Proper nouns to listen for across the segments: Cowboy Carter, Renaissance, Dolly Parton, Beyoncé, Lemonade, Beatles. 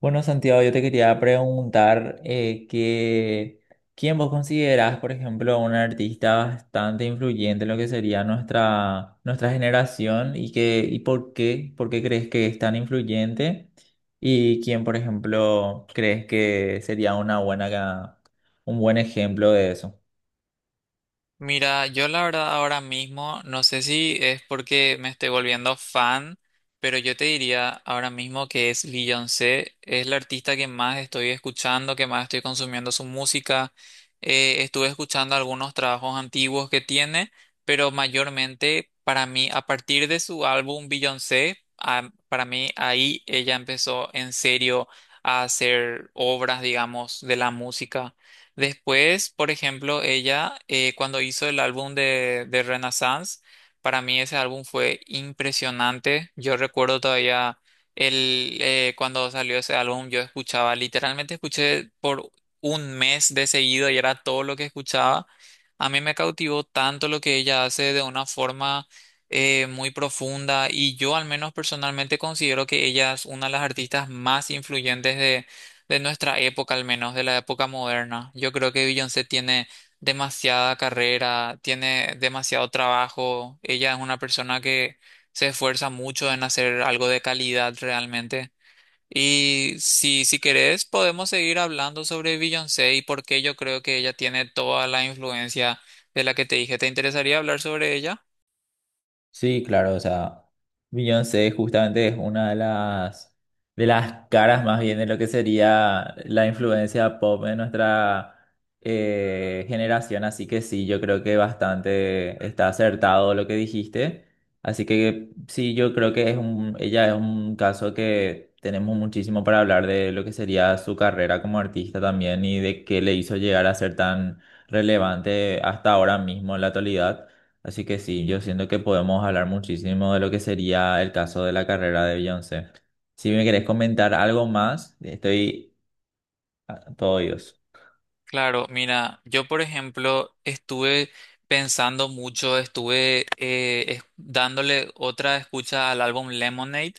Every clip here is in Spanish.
Bueno, Santiago, yo te quería preguntar ¿quién vos considerás, por ejemplo, un artista bastante influyente en lo que sería nuestra generación y por qué crees que es tan influyente? ¿Y quién, por ejemplo, crees que sería una un buen ejemplo de eso? Mira, yo la verdad ahora mismo, no sé si es porque me estoy volviendo fan, pero yo te diría ahora mismo que es Beyoncé, es la artista que más estoy escuchando, que más estoy consumiendo su música. Estuve escuchando algunos trabajos antiguos que tiene, pero mayormente para mí, a partir de su álbum Beyoncé, para mí ahí ella empezó en serio a hacer obras, digamos, de la música. Después, por ejemplo, ella cuando hizo el álbum de Renaissance, para mí ese álbum fue impresionante. Yo recuerdo todavía cuando salió ese álbum, yo escuchaba, literalmente escuché por 1 mes de seguido y era todo lo que escuchaba. A mí me cautivó tanto lo que ella hace de una forma muy profunda y yo al menos personalmente considero que ella es una de las artistas más influyentes de nuestra época al menos, de la época moderna. Yo creo que Beyoncé tiene demasiada carrera, tiene demasiado trabajo. Ella es una persona que se esfuerza mucho en hacer algo de calidad realmente. Y si querés, podemos seguir hablando sobre Beyoncé y por qué yo creo que ella tiene toda la influencia de la que te dije. ¿Te interesaría hablar sobre ella? Sí, claro, o sea, Beyoncé justamente es de las caras más bien de lo que sería la influencia pop en nuestra generación, así que sí, yo creo que bastante está acertado lo que dijiste, así que sí, yo creo que es ella es un caso que tenemos muchísimo para hablar de lo que sería su carrera como artista también y de qué le hizo llegar a ser tan relevante hasta ahora mismo en la actualidad. Así que sí, yo siento que podemos hablar muchísimo de lo que sería el caso de la carrera de Beyoncé. Si me querés comentar algo más, estoy a todo oídos. Claro, mira, yo por ejemplo estuve pensando mucho, estuve dándole otra escucha al álbum Lemonade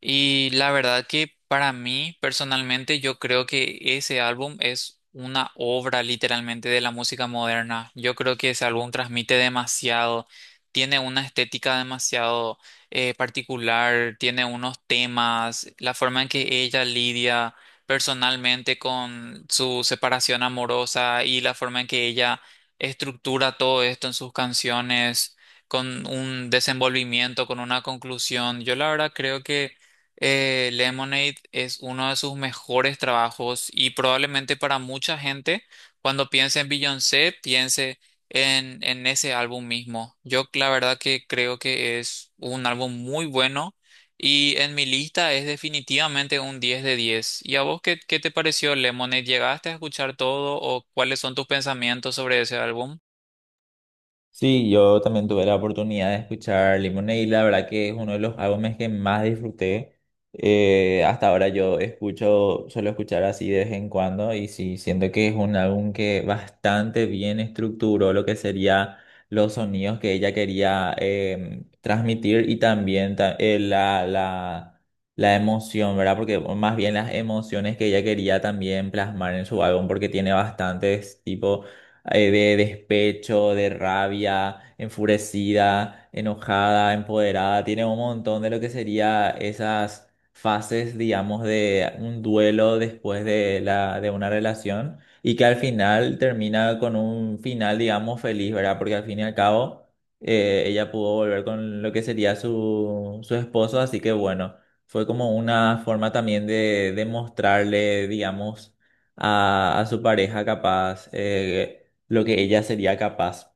y la verdad que para mí personalmente yo creo que ese álbum es una obra literalmente de la música moderna. Yo creo que ese álbum transmite demasiado, tiene una estética demasiado particular, tiene unos temas, la forma en que ella lidia personalmente con su separación amorosa y la forma en que ella estructura todo esto en sus canciones, con un desenvolvimiento, con una conclusión. Yo la verdad creo que Lemonade es uno de sus mejores trabajos y probablemente para mucha gente, cuando piense en Beyoncé, piense en ese álbum mismo. Yo la verdad que creo que es un álbum muy bueno y en mi lista es definitivamente un 10 de 10. ¿Y a vos qué te pareció Lemonade? ¿Llegaste a escuchar todo o cuáles son tus pensamientos sobre ese álbum? Sí, yo también tuve la oportunidad de escuchar Lemonade, y la verdad que es uno de los álbumes que más disfruté. Hasta ahora suelo escuchar así de vez en cuando y sí, siento que es un álbum que bastante bien estructuró lo que sería los sonidos que ella quería transmitir y también la emoción, ¿verdad? Porque o más bien las emociones que ella quería también plasmar en su álbum porque tiene bastantes tipos de despecho, de rabia, enfurecida, enojada, empoderada. Tiene un montón de lo que sería esas fases, digamos, de un duelo después de una relación y que al final termina con un final, digamos, feliz, ¿verdad? Porque al fin y al cabo ella pudo volver con lo que sería su esposo, así que bueno, fue como una forma también de mostrarle, digamos, a su pareja capaz. Lo que ella sería capaz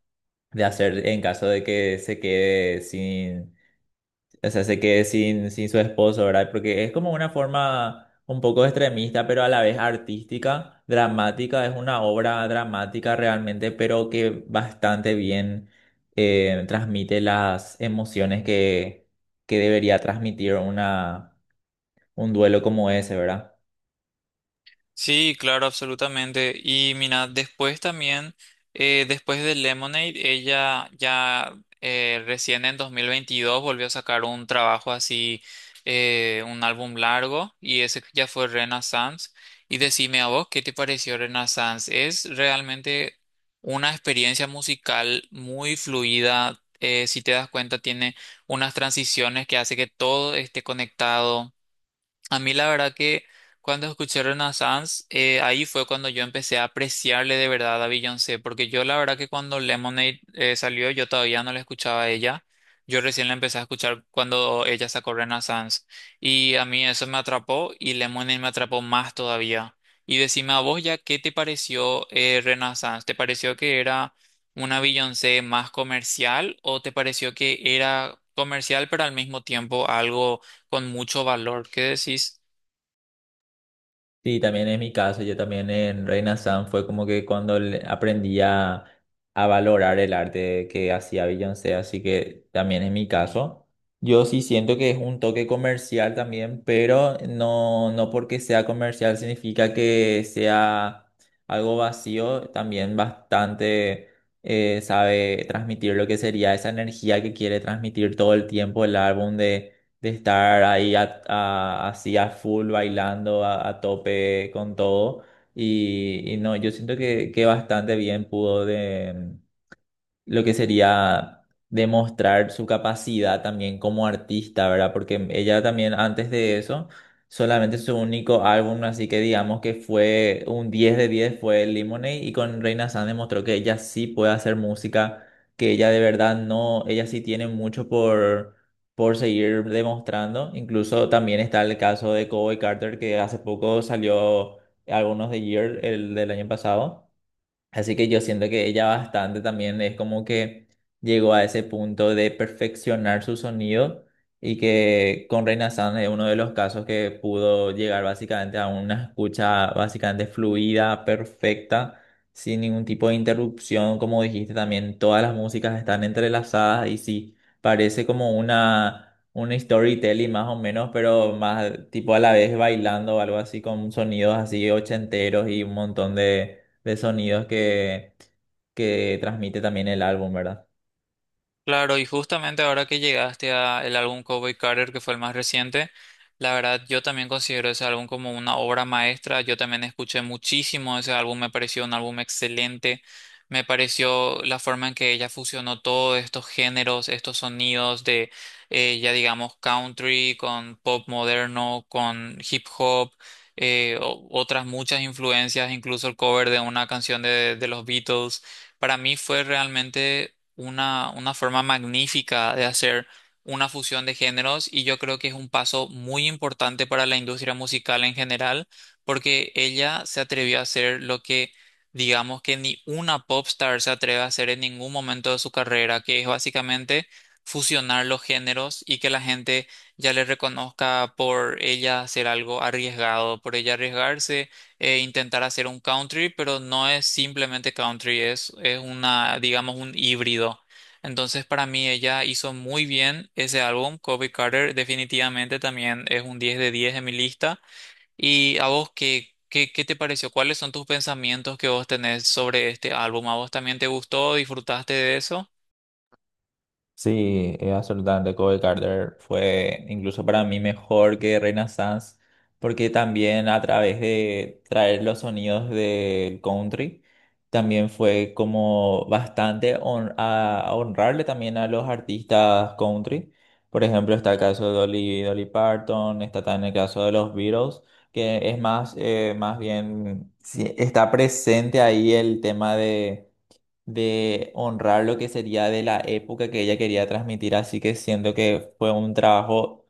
de hacer en caso de que se quede sin, o sea, se quede sin su esposo, ¿verdad? Porque es como una forma un poco extremista, pero a la vez artística, dramática, es una obra dramática realmente, pero que bastante bien transmite las emociones que debería transmitir un duelo como ese, ¿verdad? Sí, claro, absolutamente. Y mira, después también, después de Lemonade, ella ya recién en 2022 volvió a sacar un trabajo así, un álbum largo, y ese ya fue Renaissance. Y decime a vos, ¿qué te pareció Renaissance? Es realmente una experiencia musical muy fluida. Si te das cuenta, tiene unas transiciones que hace que todo esté conectado. A mí la verdad que cuando escuché Renaissance, ahí fue cuando yo empecé a apreciarle de verdad a Beyoncé, porque yo la verdad que cuando Lemonade salió, yo todavía no la escuchaba a ella. Yo recién la empecé a escuchar cuando ella sacó Renaissance. Y a mí eso me atrapó y Lemonade me atrapó más todavía. Y decime a vos ya, ¿qué te pareció Renaissance? ¿Te pareció que era una Beyoncé más comercial o te pareció que era comercial pero al mismo tiempo algo con mucho valor? ¿Qué decís? Sí, también es mi caso. Yo también en Reina San fue como que cuando aprendí a valorar el arte que hacía Beyoncé, así que también es mi caso. Yo sí siento que es un toque comercial también, pero no, no porque sea comercial significa que sea algo vacío. También bastante sabe transmitir lo que sería esa energía que quiere transmitir todo el tiempo el álbum de estar ahí así a full bailando a tope con todo. Y no, yo siento que bastante bien lo que sería demostrar su capacidad también como artista, ¿verdad? Porque ella también antes de eso, solamente su único álbum, así que digamos que fue un 10 de 10 fue Lemonade y con Reina San demostró que ella sí puede hacer música, que ella de verdad no, ella sí tiene mucho por seguir demostrando. Incluso también está el caso de Cowboy Carter, que hace poco salió algunos de Year, el del año pasado. Así que yo siento que ella bastante también es como que llegó a ese punto de perfeccionar su sonido y que con Reina San es uno de los casos que pudo llegar básicamente a una escucha básicamente fluida, perfecta, sin ningún tipo de interrupción. Como dijiste también, todas las músicas están entrelazadas y sí, parece como un storytelling más o menos, pero más tipo a la vez bailando o algo así con sonidos así ochenteros y un montón de sonidos que transmite también el álbum, ¿verdad? Claro, y justamente ahora que llegaste a el álbum Cowboy Carter, que fue el más reciente, la verdad yo también considero ese álbum como una obra maestra. Yo también escuché muchísimo ese álbum, me pareció un álbum excelente. Me pareció la forma en que ella fusionó todos estos géneros, estos sonidos de ya digamos country con pop moderno, con hip hop, otras muchas influencias, incluso el cover de una canción de los Beatles. Para mí fue realmente una forma magnífica de hacer una fusión de géneros y yo creo que es un paso muy importante para la industria musical en general, porque ella se atrevió a hacer lo que digamos que ni una popstar se atreve a hacer en ningún momento de su carrera, que es básicamente fusionar los géneros y que la gente ya le reconozca por ella hacer algo arriesgado, por ella arriesgarse intentar hacer un country, pero no es simplemente country, es una, digamos, un híbrido. Entonces, para mí, ella hizo muy bien ese álbum. Kobe Carter definitivamente también es un 10 de 10 en mi lista. ¿Y a vos qué te pareció? ¿Cuáles son tus pensamientos que vos tenés sobre este álbum? ¿A vos también te gustó? ¿Disfrutaste de eso? Sí, absolutamente. Cowboy Carter fue incluso para mí mejor que Reina Renaissance, porque también a través de traer los sonidos del country, también fue como bastante a honrarle también a los artistas country. Por ejemplo, está el caso de Dolly Parton, está también el caso de los Beatles, que es más, más bien, sí, está presente ahí el tema de honrar lo que sería de la época que ella quería transmitir, así que siento que fue un trabajo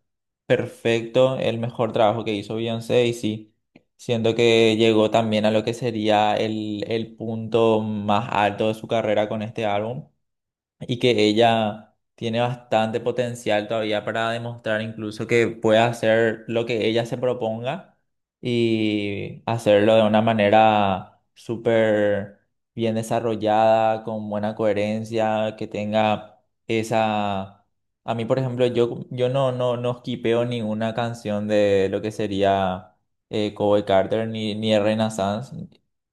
perfecto, el mejor trabajo que hizo Beyoncé y sí, siento que llegó también a lo que sería el punto más alto de su carrera con este álbum y que ella tiene bastante potencial todavía para demostrar incluso que puede hacer lo que ella se proponga y hacerlo de una manera súper bien desarrollada, con buena coherencia, que tenga esa... A mí, por ejemplo, yo no, no, no skipeo ninguna canción de lo que sería Cowboy Carter ni de Renaissance.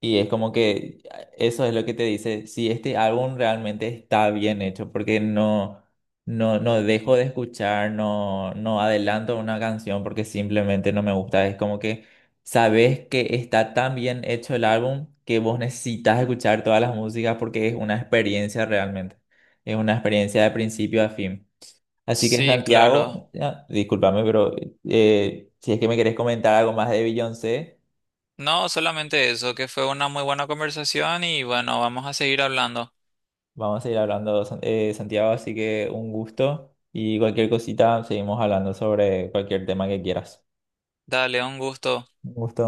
Y es como que eso es lo que te dice, si este álbum realmente está bien hecho, porque no dejo de escuchar, no adelanto una canción porque simplemente no me gusta. Es como que sabes que está tan bien hecho el álbum que vos necesitas escuchar todas las músicas porque es una experiencia realmente. Es una experiencia de principio a fin. Así que Sí, claro. Santiago, ya, discúlpame, pero si es que me querés comentar algo más de Beyoncé. No, solamente eso, que fue una muy buena conversación y bueno, vamos a seguir hablando. Vamos a ir hablando, Santiago, así que un gusto y cualquier cosita seguimos hablando sobre cualquier tema que quieras. Dale, un gusto. Un gusto.